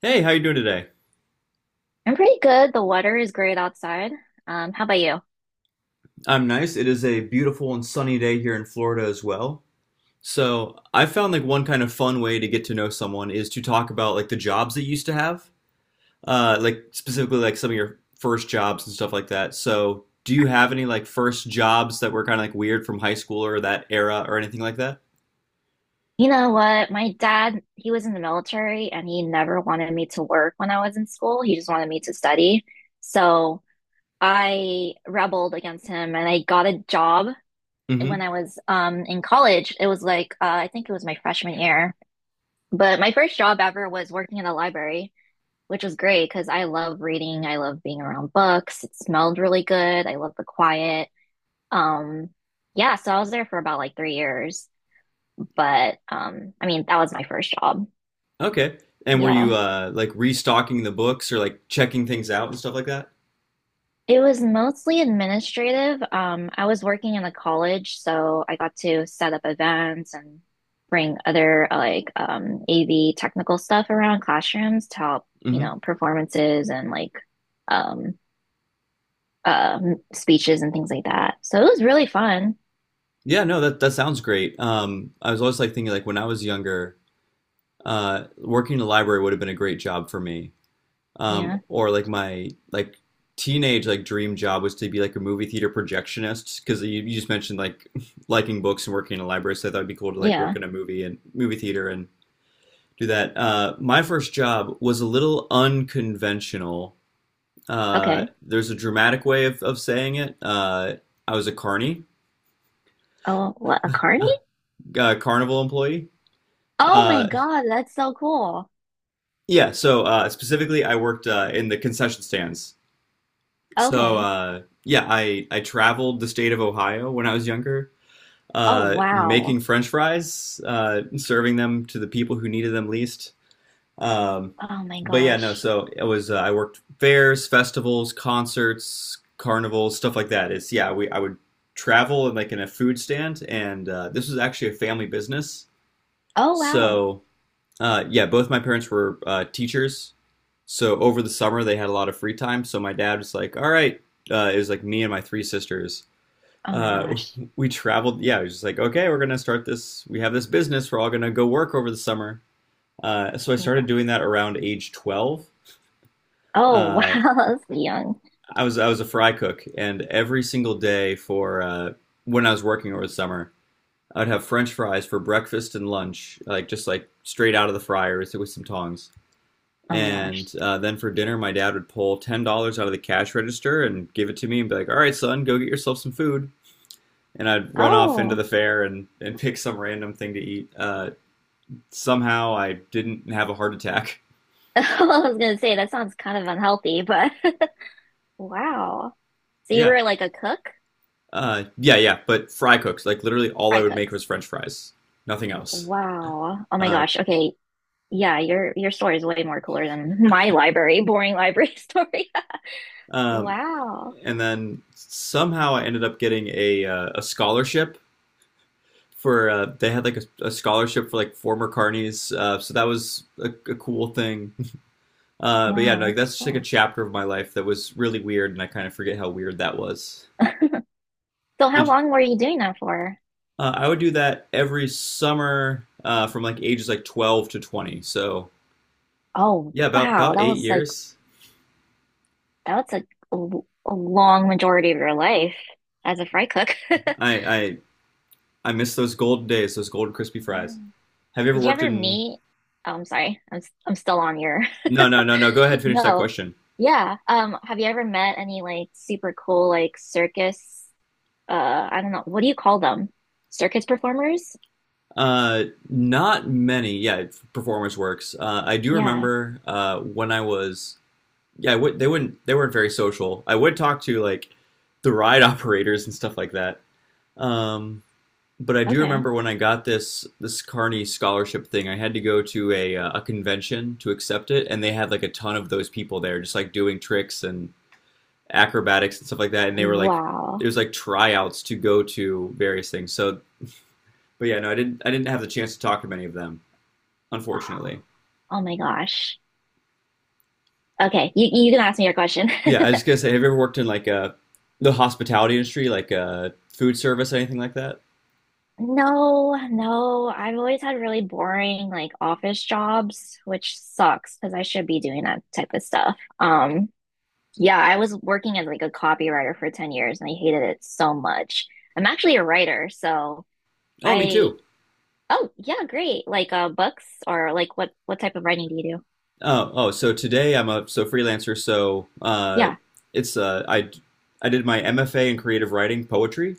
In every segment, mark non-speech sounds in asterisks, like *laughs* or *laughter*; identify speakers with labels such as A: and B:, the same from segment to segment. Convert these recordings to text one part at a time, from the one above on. A: Hey, how you doing today?
B: I'm pretty good. The weather is great outside. How about you?
A: I'm nice. It is a beautiful and sunny day here in Florida as well. So I found like one kind of fun way to get to know someone is to talk about like the jobs that you used to have, like specifically like some of your first jobs and stuff like that. So do you have any like first jobs that were kind of like weird from high school or that era or anything like that?
B: You know what? My dad, he was in the military and he never wanted me to work when I was in school. He just wanted me to study. So I rebelled against him and I got a job when
A: hmm
B: I was in college. It was like, I think it was my freshman year. But my first job ever was working in a library, which was great because I love reading. I love being around books. It smelled really good. I love the quiet. Um, yeah, so I was there for about like 3 years, but I mean, that was my first job.
A: Okay. And were you
B: Yeah.
A: like restocking the books or like checking things out and stuff like that?
B: It was mostly administrative. I was working in a college, so I got to set up events and bring other like AV technical stuff around classrooms to help,
A: hmm
B: performances and like um speeches and things like that. So it was really fun.
A: Yeah, no, that sounds great. I was always like thinking like when I was younger. Working in a library would have been a great job for me.
B: Yeah.
A: Or like my like teenage like dream job was to be like a movie theater projectionist because you just mentioned like *laughs* liking books and working in a library, so I thought it'd be cool to like work
B: Yeah.
A: in a movie and movie theater and do that. My first job was a little unconventional.
B: Okay.
A: There's a dramatic way of saying it. I was a carny,
B: Oh, what, a carny?
A: carnival employee.
B: Oh my
A: Uh,
B: God, that's so cool.
A: yeah, so specifically, I worked in the concession stands. So
B: Okay.
A: yeah, I traveled the state of Ohio when I was younger,
B: Oh wow.
A: making French fries, serving them to the people who needed them least. Um,
B: Oh my
A: but yeah, no.
B: gosh.
A: So it was I worked fairs, festivals, concerts, carnivals, stuff like that. It's yeah, we I would travel and like in a food stand, and this was actually a family business.
B: Oh wow.
A: So yeah, both my parents were teachers, so over the summer they had a lot of free time, so my dad was like, all right, it was like me and my three sisters,
B: Oh my
A: uh,
B: gosh.
A: *laughs* we traveled. Yeah, it was just like, okay, we're gonna start this, we have this business, we're all gonna go work over the summer. So I
B: Wa-
A: started doing that around age 12.
B: Oh *laughs*
A: uh,
B: wow, that's young.
A: I was a fry cook, and every single day for when I was working over the summer, I'd have French fries for breakfast and lunch, like just like straight out of the fryer with some tongs.
B: Oh my gosh.
A: And then for dinner, my dad would pull $10 out of the cash register and give it to me and be like, "All right, son, go get yourself some food." And I'd run off into
B: Oh.
A: the fair and pick some random thing to eat. Somehow I didn't have a heart attack. *laughs*
B: *laughs* I was gonna say that sounds kind of unhealthy, but *laughs* wow. So you
A: Yeah,
B: were like a cook?
A: yeah. But fry cooks, like literally, all I
B: Fry
A: would make
B: cooks.
A: was French fries, nothing else.
B: Wow. Oh my
A: Uh,
B: gosh. Okay. Yeah, your story is way more cooler than *laughs* my library, boring library *laughs* story.
A: um,
B: Wow.
A: and then somehow I ended up getting a scholarship for they had like a scholarship for like former carnies. So that was a cool thing. But yeah, no,
B: Wow,
A: like,
B: that's
A: that's just like a
B: cool.
A: chapter of my life that was really weird, and I kind of forget how weird that was.
B: So how
A: Did
B: long were you doing that for?
A: I would do that every summer from like ages like 12 to 20. So
B: Oh,
A: yeah,
B: wow.
A: about
B: That
A: eight
B: was like
A: years.
B: that's a long majority of your life as a fry cook. *laughs*
A: I I I miss those golden days, those golden crispy
B: Yeah.
A: fries. Have you ever
B: Did you
A: worked
B: ever
A: in?
B: meet? Oh, I'm sorry. I'm still on your. *laughs*
A: No, no, no, no. Go ahead, finish that
B: No.
A: question.
B: Yeah. Have you ever met any like super cool like circus I don't know, what do you call them? Circus performers?
A: Not many. Yeah, performance works. I do
B: Yeah.
A: remember when I was Yeah, I would, they wouldn't. They weren't very social. I would talk to like the ride *laughs* operators and stuff like that. Um, but I do
B: Okay.
A: remember when I got this Carney scholarship thing, I had to go to a convention to accept it, and they had like a ton of those people there, just like doing tricks and acrobatics and stuff like that. And they were like, it
B: Wow.
A: was like tryouts to go to various things. So, but yeah, no, I didn't. I didn't have the chance to talk to many of them, unfortunately.
B: Oh my gosh. Okay, you can ask me your question.
A: Yeah, I was
B: *laughs*
A: just gonna say, have you ever worked in like a the hospitality industry, like a food service, anything like that?
B: No, no. I've always had really boring like office jobs, which sucks because I should be doing that type of stuff. Yeah, I was working as like a copywriter for 10 years and I hated it so much. I'm actually a writer, so
A: Oh, me
B: I
A: too.
B: oh, yeah, great. Like books or like what type of writing do you do?
A: Oh, so today I'm a so freelancer, so
B: Yeah.
A: it's I did my MFA in creative writing, poetry,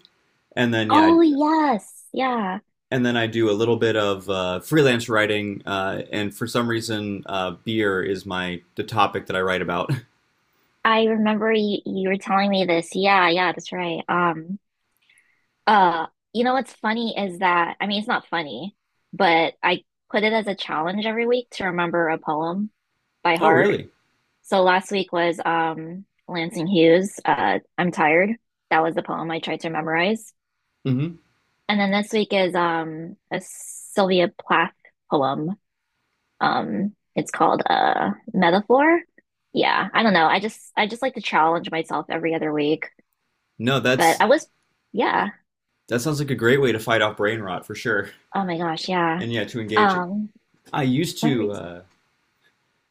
A: and then
B: Oh, yes. Yeah.
A: and then I do a little bit of freelance writing and for some reason beer is my the topic that I write about. *laughs*
B: I remember you were telling me this. Yeah, yeah, that's right. Uh, you know what's funny is that, I mean, it's not funny, but I put it as a challenge every week to remember a poem by
A: Oh,
B: heart.
A: really?
B: So last week was Lansing Hughes, I'm Tired. That was the poem I tried to memorize.
A: Mm-hmm.
B: And then this week is a Sylvia Plath poem. It's called Metaphor. Yeah, I don't know. I just like to challenge myself every other week.
A: No,
B: But
A: that's
B: I was yeah.
A: that sounds like a great way to fight off brain rot for sure.
B: Oh my gosh, yeah.
A: And yeah, to engage it.
B: Um,
A: I used
B: what were we
A: to uh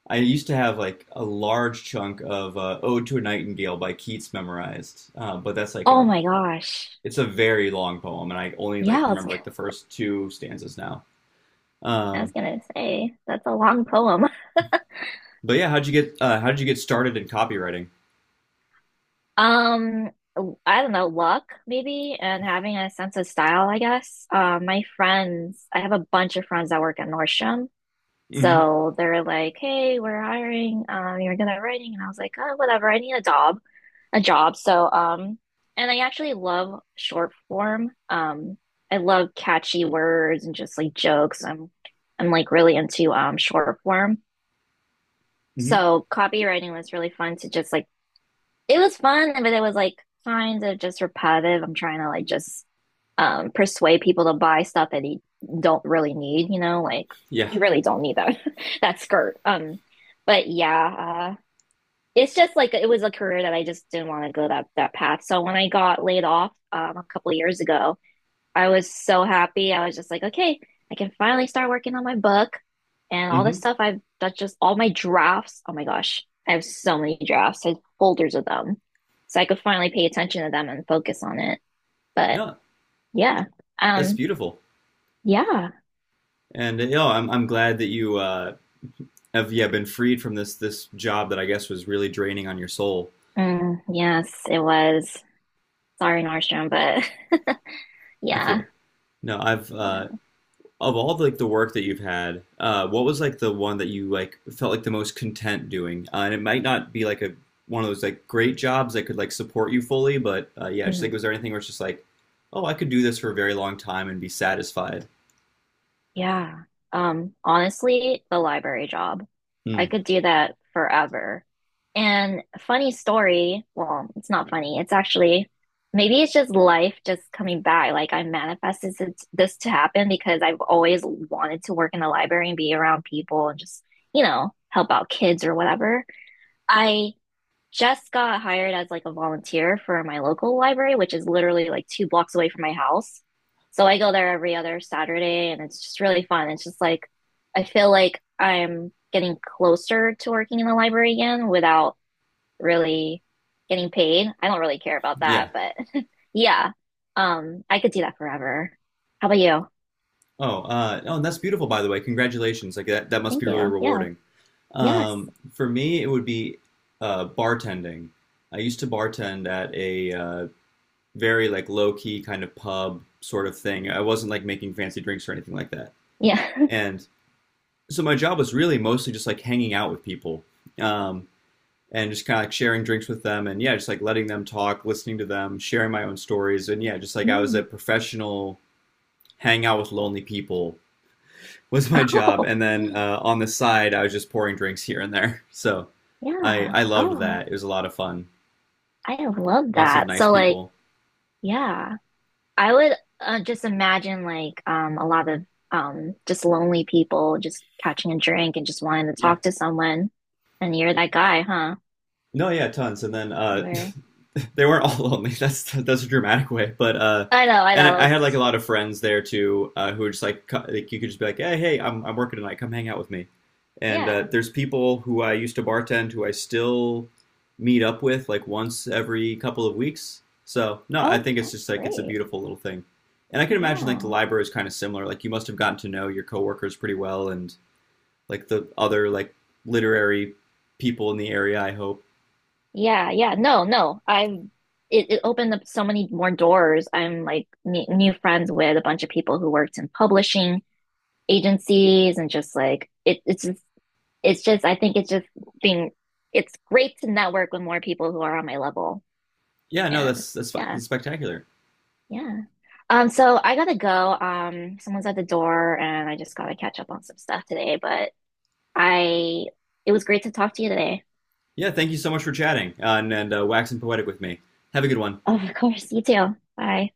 A: I used to have like a large chunk of "Ode to a Nightingale" by Keats memorized, but that's like
B: oh
A: a
B: my gosh.
A: It's a very long poem, and I only
B: Yeah,
A: like remember like the first two stanzas now.
B: I was
A: Um,
B: gonna say that's a long poem. *laughs*
A: but yeah, how did you get started in copywriting?
B: Um, I don't know, luck maybe, and having a sense of style, I guess. My friends, I have a bunch of friends that work at Nordstrom,
A: Mm-hmm.
B: so they're like, "Hey, we're hiring. You're good at writing," and I was like, "Oh, whatever. I need a job, a job." So, and I actually love short form. I love catchy words and just like jokes. I'm like really into short form.
A: Mm-hmm.
B: So copywriting was really fun to just like it was fun, but it was like kind of just repetitive. I'm trying to like just persuade people to buy stuff that they don't really need, like
A: Yeah.
B: you really don't need that *laughs* that skirt. But yeah, it's just like it was a career that I just didn't want to go that path. So when I got laid off a couple of years ago, I was so happy. I was just like, okay, I can finally start working on my book and all this
A: Mm-hmm.
B: stuff I've that's just all my drafts. Oh my gosh, I have so many drafts. I have folders of them. So I could finally pay attention to them and focus on it. But
A: No,
B: yeah.
A: that's
B: Um
A: beautiful,
B: yeah.
A: and you know, I'm glad that you have yeah been freed from this job that I guess was really draining on your soul.
B: Mm, yes, it was. Sorry, Nordstrom, but *laughs*
A: I
B: yeah.
A: feel no, I've
B: Yeah.
A: of all the, like the work that you've had, what was like the one that you like felt like the most content doing? And it might not be like a one of those like great jobs that could like support you fully, but yeah, just like
B: Mhm.
A: was there anything where it's just like, oh, I could do this for a very long time and be satisfied?
B: Yeah. Honestly, the library job.
A: Hmm.
B: I could do that forever. And funny story, well, it's not funny. It's actually maybe it's just life just coming back. Like I manifested this to happen because I've always wanted to work in the library and be around people and just, you know, help out kids or whatever. I just got hired as like a volunteer for my local library, which is literally like two blocks away from my house. So I go there every other Saturday and it's just really fun. It's just like I feel like I'm getting closer to working in the library again without really getting paid. I don't really care about
A: yeah.
B: that, but *laughs* yeah. I could do that forever. How about you?
A: Oh, oh, and that's beautiful, by the way. Congratulations. Like that must be
B: Thank
A: really
B: you. Yeah.
A: rewarding.
B: Yes.
A: For me, it would be bartending. I used to bartend at a very like low key kind of pub sort of thing. I wasn't like making fancy drinks or anything like that.
B: Yeah. *laughs*
A: And so my job was really mostly just like hanging out with people, um, and just kind of like sharing drinks with them and yeah, just like letting them talk, listening to them, sharing my own stories. And yeah, just like I was
B: Mm.
A: a professional hang out with lonely people was *laughs* my
B: *laughs*
A: job.
B: Oh.
A: And then on the side, I was just pouring drinks here and there. *laughs* So I,
B: Yeah.
A: I loved
B: Oh,
A: that. It was a lot of fun.
B: I love
A: Lots of
B: that.
A: nice
B: So like
A: people.
B: yeah. I would just imagine like a lot of just lonely people just catching a drink and just wanting to
A: Yeah.
B: talk to someone. And you're that guy, huh?
A: No, yeah, tons. And then
B: You were
A: *laughs* they weren't all *laughs* lonely. That's a dramatic way, but
B: I know, I
A: and
B: know.
A: I had like
B: It's-
A: a lot of friends there too who were just like you could just be like, hey, I'm working tonight. Come hang out with me. And
B: yeah.
A: there's people who I used to bartend who I still meet up with like once every couple of weeks. So no, I
B: Oh,
A: think it's just
B: that's
A: like it's a
B: great.
A: beautiful little thing. And I can imagine like the
B: Yeah.
A: library is kind of similar. Like you must have gotten to know your coworkers pretty well and like the other like literary people in the area. I hope.
B: Yeah, yeah. No, no. I'm it, it opened up so many more doors. I'm like ne New friends with a bunch of people who worked in publishing agencies and just like it it's just I think it's just being it's great to network with more people who are on my level.
A: Yeah, no,
B: And
A: that's fine.
B: yeah,
A: That's spectacular.
B: yeah. So I gotta go. Someone's at the door and I just gotta catch up on some stuff today, but I it was great to talk to you today. *laughs*
A: Yeah, thank you so much for chatting and waxing poetic with me. Have a good one.
B: Oh of course, you too. Bye.